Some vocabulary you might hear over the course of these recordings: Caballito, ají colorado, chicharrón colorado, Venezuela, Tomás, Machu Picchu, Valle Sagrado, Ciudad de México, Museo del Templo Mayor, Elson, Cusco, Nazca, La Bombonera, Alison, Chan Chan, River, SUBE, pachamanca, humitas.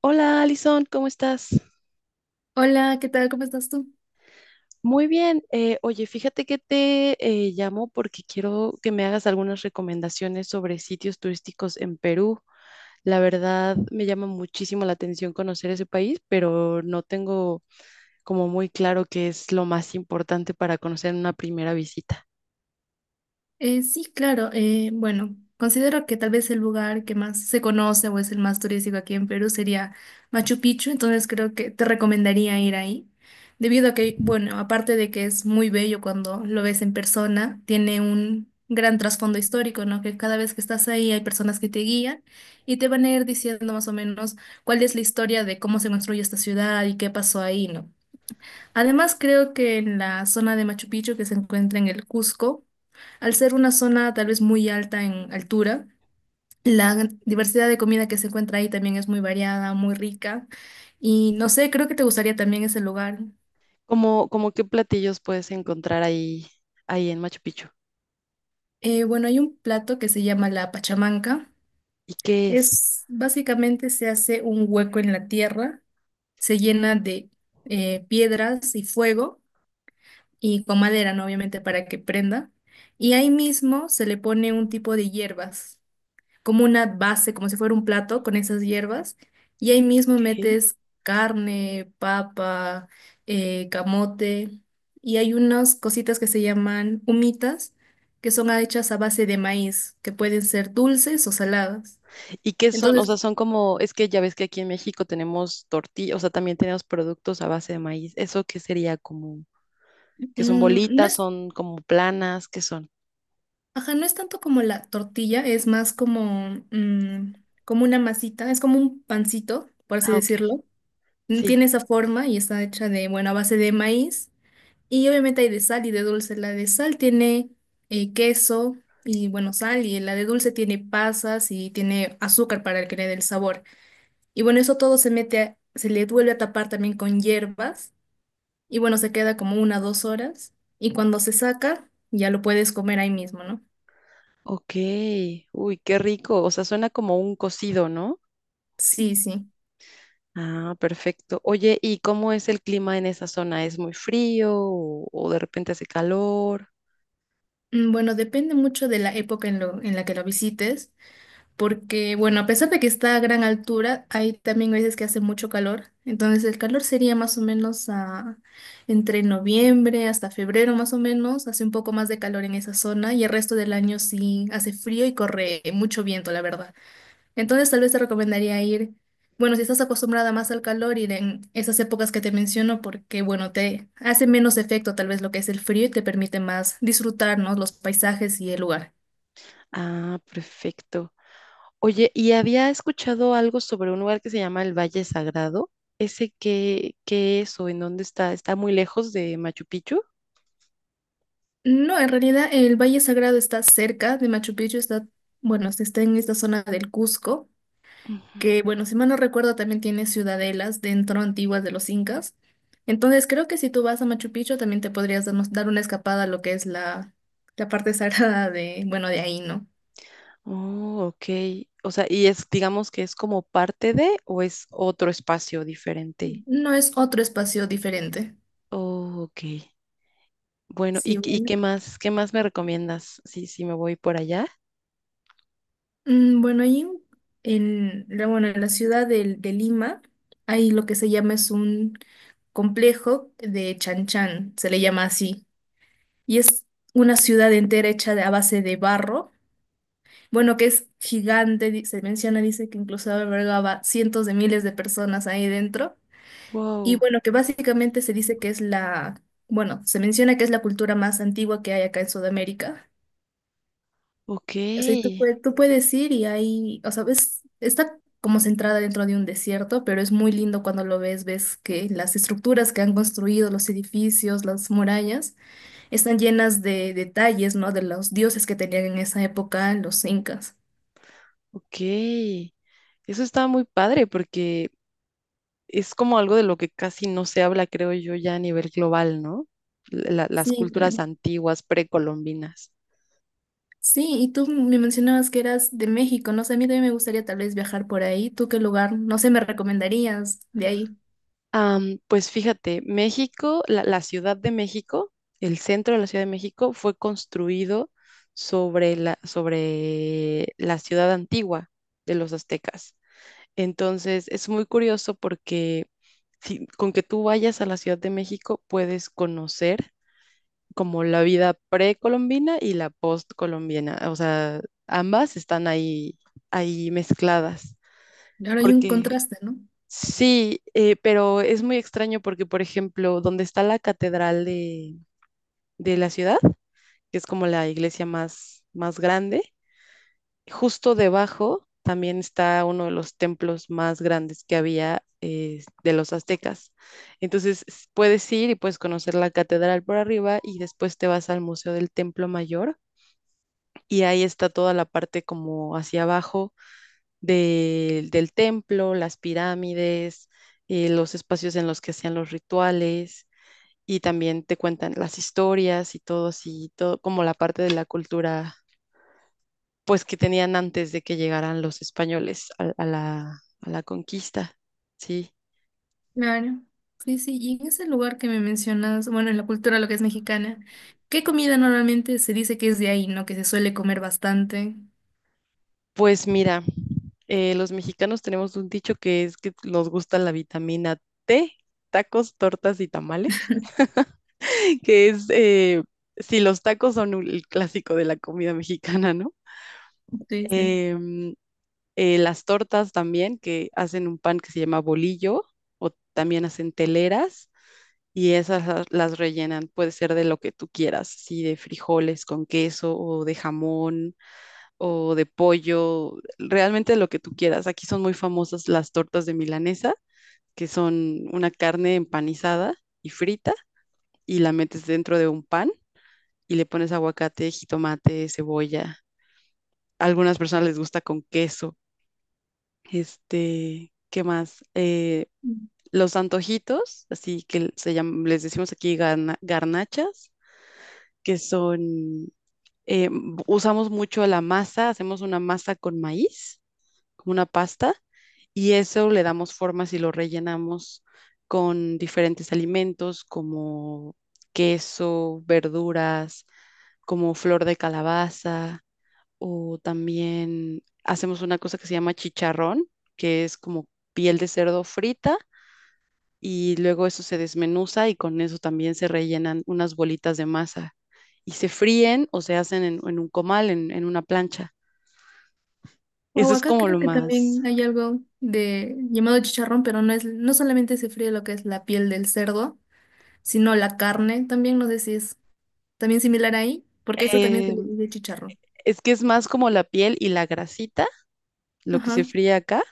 Hola, Alison, ¿cómo estás? Hola, ¿qué tal? ¿Cómo estás tú? Muy bien. Oye, fíjate que te llamo porque quiero que me hagas algunas recomendaciones sobre sitios turísticos en Perú. La verdad, me llama muchísimo la atención conocer ese país, pero no tengo como muy claro qué es lo más importante para conocer en una primera visita. Sí, claro. Bueno, considero que tal vez el lugar que más se conoce o es el más turístico aquí en Perú sería Machu Picchu. Entonces creo que te recomendaría ir ahí, debido a que, bueno, aparte de que es muy bello cuando lo ves en persona, tiene un gran trasfondo histórico, ¿no? Que cada vez que estás ahí hay personas que te guían y te van a ir diciendo más o menos cuál es la historia de cómo se construyó esta ciudad y qué pasó ahí, ¿no? Además, creo que en la zona de Machu Picchu, que se encuentra en el Cusco, al ser una zona tal vez muy alta en altura, diversidad de comida que se encuentra ahí también es muy variada, muy rica. Y no sé, creo que te gustaría también ese lugar. ¿Cómo qué platillos puedes encontrar ahí en Machu Picchu? Bueno, hay un plato que se llama la pachamanca. ¿Y qué es? Es básicamente, se hace un hueco en la tierra, se llena de piedras y fuego y con madera, ¿no? Obviamente para que prenda. Y ahí mismo se le pone un tipo de hierbas, como una base, como si fuera un plato con esas hierbas, y ahí mismo Ok. metes carne, papa, camote, y hay unas cositas que se llaman humitas, que son hechas a base de maíz, que pueden ser dulces o saladas. ¿Y qué son? O Entonces, sea, son como, es que ya ves que aquí en México tenemos tortillas, o sea, también tenemos productos a base de maíz. ¿Eso qué sería como? ¿Que son no bolitas? es, ¿Son como planas? ¿Qué son? ajá, no es tanto como la tortilla, es más como, como una masita, es como un pancito, por así Ah, ok. decirlo. Sí. Tiene esa forma y está hecha de, bueno, a base de maíz. Y obviamente hay de sal y de dulce. La de sal tiene queso y, bueno, sal. Y la de dulce tiene pasas y tiene azúcar para que le dé el sabor. Y bueno, eso todo se mete, se le vuelve a tapar también con hierbas. Y bueno, se queda como una o dos horas. Y cuando se saca, ya lo puedes comer ahí mismo, ¿no? Ok. Uy, qué rico. O sea, suena como un cocido, ¿no? Sí, sí. Ah, perfecto. Oye, ¿y cómo es el clima en esa zona? ¿Es muy frío o de repente hace calor? Bueno, depende mucho de la época en, en la que lo visites. Porque, bueno, a pesar de que está a gran altura, hay también veces que hace mucho calor. Entonces el calor sería más o menos entre noviembre hasta febrero más o menos. Hace un poco más de calor en esa zona y el resto del año sí hace frío y corre mucho viento, la verdad. Entonces tal vez te recomendaría ir, bueno, si estás acostumbrada más al calor, ir en esas épocas que te menciono porque, bueno, te hace menos efecto tal vez lo que es el frío y te permite más disfrutar, ¿no? Los paisajes y el lugar. Ah, perfecto. Oye, y había escuchado algo sobre un lugar que se llama el Valle Sagrado. ¿Ese qué es o en dónde está? ¿Está muy lejos de Machu Picchu? No, en realidad el Valle Sagrado está cerca de Machu Picchu, está, bueno, está en esta zona del Cusco, Ujú. que, bueno, si mal no recuerdo, también tiene ciudadelas dentro antiguas de los incas. Entonces creo que si tú vas a Machu Picchu también te podrías dar una escapada a lo que es la, la parte sagrada de, bueno, de ahí, ¿no? Oh, ok. O sea, y es, digamos que es como parte de o es otro espacio diferente. No es otro espacio diferente. Oh, ok. Bueno, Sí, ¿y bueno. Qué más me recomiendas? Sí, sí, me voy por allá. Bueno, ahí en la, bueno, en la ciudad de Lima hay lo que se llama, es un complejo de Chan Chan, se le llama así. Y es una ciudad entera hecha de, a base de barro. Bueno, que es gigante, se menciona, dice que incluso albergaba cientos de miles de personas ahí dentro. Y Wow, bueno, que básicamente se dice que es la, bueno, se menciona que es la cultura más antigua que hay acá en Sudamérica. ok, O sea, y tú, tú puedes ir y ahí, o sea, ves, está como centrada dentro de un desierto, pero es muy lindo cuando lo ves, ves que las estructuras que han construido, los edificios, las murallas, están llenas de detalles, ¿no? De los dioses que tenían en esa época los incas. ok. Eso está muy padre porque es como algo de lo que casi no se habla, creo yo, ya a nivel global, ¿no? La- las Sí, culturas claro. antiguas, precolombinas. Sí, y tú me mencionabas que eras de México, no sé, a mí también me gustaría tal vez viajar por ahí. ¿Tú qué lugar, no sé, me recomendarías de ahí? Am, pues fíjate, México, la Ciudad de México, el centro de la Ciudad de México fue construido sobre la ciudad antigua de los aztecas. Entonces, es muy curioso porque si- con que tú vayas a la Ciudad de México puedes conocer como la vida precolombina y la postcolombiana, o sea, ambas están ahí, ahí mezcladas, Ahora hay un porque contraste, ¿no? sí, pero es muy extraño porque, por ejemplo, donde está la catedral de la ciudad, que es como la iglesia más, más grande, justo debajo también está uno de los templos más grandes que había de los aztecas. Entonces s- puedes ir y puedes conocer la catedral por arriba y después te vas al Museo del Templo Mayor, y ahí está toda la parte como hacia abajo del templo, las pirámides, los espacios en los que hacían los rituales y también te cuentan las historias y todo así, todo como la parte de la cultura pues que tenían antes de que llegaran los españoles a la conquista, ¿sí? Claro. Sí, sí, y en ese lugar que me mencionas, bueno, en la cultura, lo que es mexicana, ¿qué comida normalmente se dice que es de ahí, ¿no? Que se suele comer bastante. Pues mira, los mexicanos tenemos un dicho que es que nos gusta la vitamina T, tacos, tortas y tamales. Que es si los tacos son un- el clásico de la comida mexicana, ¿no? Sí, sí. Em, las tortas también, que hacen un pan que se llama bolillo, o también hacen teleras, y esas las rellenan, puede ser de lo que tú quieras, sí, de frijoles con queso, o de jamón, o de pollo, realmente de lo que tú quieras. Aquí son muy famosas las tortas de milanesa, que son una carne empanizada y frita, y la metes dentro de un pan y le pones aguacate, jitomate, cebolla. A algunas personas les gusta con queso. Este, ¿qué más? Mm. Los antojitos, así que se llaman, les decimos aquí garna- garnachas, que son, eh, usamos mucho la masa, hacemos una masa con maíz, como una pasta, y eso le damos formas y lo rellenamos con diferentes alimentos como queso, verduras, como flor de calabaza, o también hacemos una cosa que se llama chicharrón, que es como piel de cerdo frita y luego eso se desmenuza y con eso también se rellenan unas bolitas de masa y se fríen o se hacen en un comal, en una plancha. Eso O es acá como lo creo que más. también hay algo de llamado chicharrón, pero no es, no solamente se fríe lo que es la piel del cerdo, sino la carne también, no sé si es también similar ahí, porque eso también se le eh, dice chicharrón. es que es más como la piel y la grasita, lo que Ajá. se fríe acá,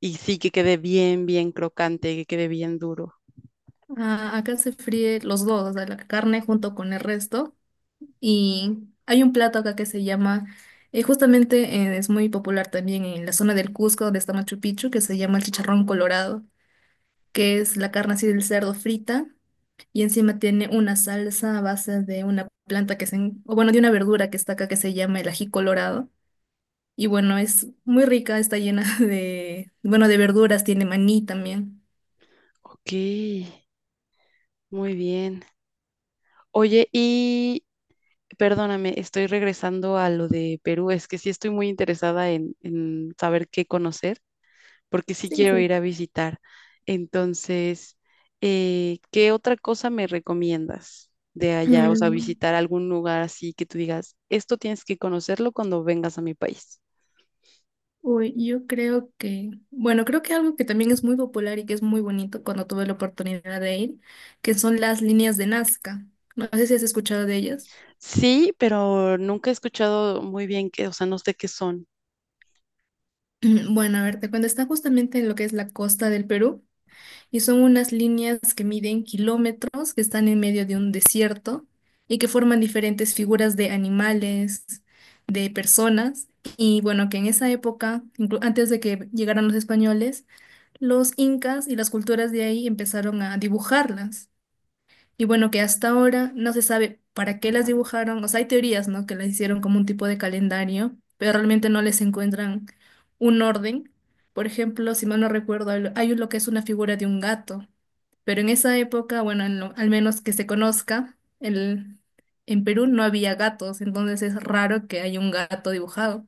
y sí que quede bien, bien crocante, que quede bien duro. Ah, acá se fríe los dos, o sea, la carne junto con el resto. Y hay un plato acá que se llama, justamente es muy popular también en la zona del Cusco, donde está Machu Picchu, que se llama el chicharrón colorado, que es la carne así del cerdo frita y encima tiene una salsa a base de una planta que se, o bueno, de una verdura que está acá que se llama el ají colorado. Y bueno, es muy rica, está llena de, bueno, de verduras, tiene maní también. Ok, muy bien. Oye, y perdóname, estoy regresando a lo de Perú, es que sí estoy muy interesada en saber qué conocer, porque sí Sí, quiero sí. ir a visitar. Entonces, ¿qué otra cosa me recomiendas de allá? O sea, Mm. visitar algún lugar así que tú digas, esto tienes que conocerlo cuando vengas a mi país. Uy, yo creo que, bueno, creo que algo que también es muy popular y que es muy bonito, cuando tuve la oportunidad de ir, que son las líneas de Nazca. No sé si has escuchado de ellas. Sí, pero nunca he escuchado muy bien qué, o sea, no sé qué son. Bueno, a ver, te cuento, está justamente en lo que es la costa del Perú y son unas líneas que miden kilómetros, que están en medio de un desierto y que forman diferentes figuras de animales, de personas. Y bueno, que en esa época, antes de que llegaran los españoles, los incas y las culturas de ahí empezaron a dibujarlas. Y bueno, que hasta ahora no se sabe para qué las dibujaron. O sea, hay teorías, ¿no? Que las hicieron como un tipo de calendario, pero realmente no les encuentran un orden. Por ejemplo, si mal no recuerdo, hay lo que es una figura de un gato. Pero en esa época, bueno, en al menos que se conozca, el, en Perú no había gatos, entonces es raro que haya un gato dibujado.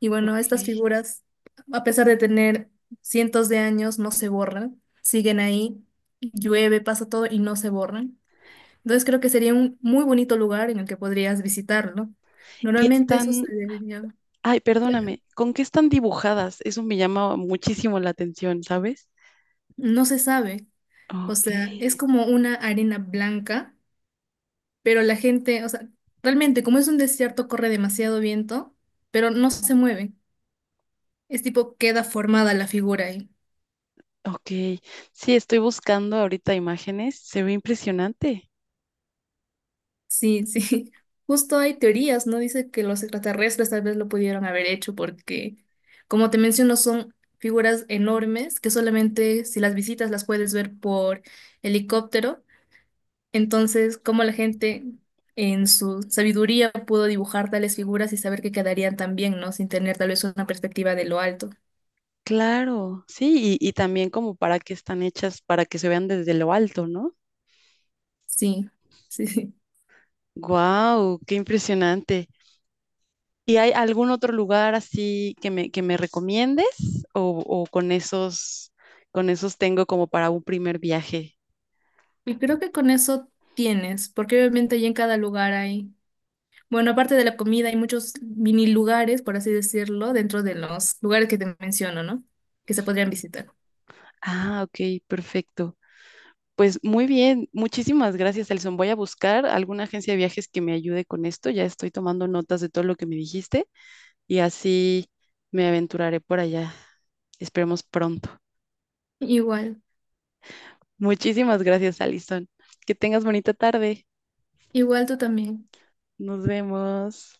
Y bueno, Ok. estas Y figuras, a pesar de tener cientos de años, no se borran, siguen ahí, llueve, pasa todo y no se borran. Entonces creo que sería un muy bonito lugar en el que podrías visitarlo. Normalmente eso están, se debería, ay, perdóname, ¿con qué están dibujadas? Eso me llama muchísimo la atención, ¿sabes? no se sabe, o Ok, sea, es como una arena blanca, pero la gente, o sea, realmente como es un desierto corre demasiado viento, pero no se mueve. Es tipo queda formada la figura ahí. ok. Sí, estoy buscando ahorita imágenes. Se ve impresionante. Sí, sí. Justo hay teorías, ¿no? Dice que los extraterrestres tal vez lo pudieron haber hecho porque, como te menciono, son figuras enormes que solamente si las visitas las puedes ver por helicóptero. Entonces, como la gente en su sabiduría pudo dibujar tales figuras y saber que quedarían tan bien, ¿no? Sin tener tal vez una perspectiva de lo alto. Claro, sí, y también como para que están hechas, para que se vean desde lo alto, ¿no? Sí, sí, sí. Guau, ¡qué impresionante! ¿Y hay algún otro lugar así que me recomiendes? O con esos tengo como para un primer viaje? Y creo que con eso tienes, porque obviamente ahí en cada lugar hay, bueno, aparte de la comida, hay muchos mini lugares, por así decirlo, dentro de los lugares que te menciono, ¿no? Que se podrían visitar. Ah, ok, perfecto. Pues muy bien, muchísimas gracias, Elson. Voy a buscar alguna agencia de viajes que me ayude con esto. Ya estoy tomando notas de todo lo que me dijiste, y así me aventuraré por allá. Esperemos pronto. Igual, Muchísimas gracias, Alison. Que tengas bonita tarde. igual tú también. Nos vemos.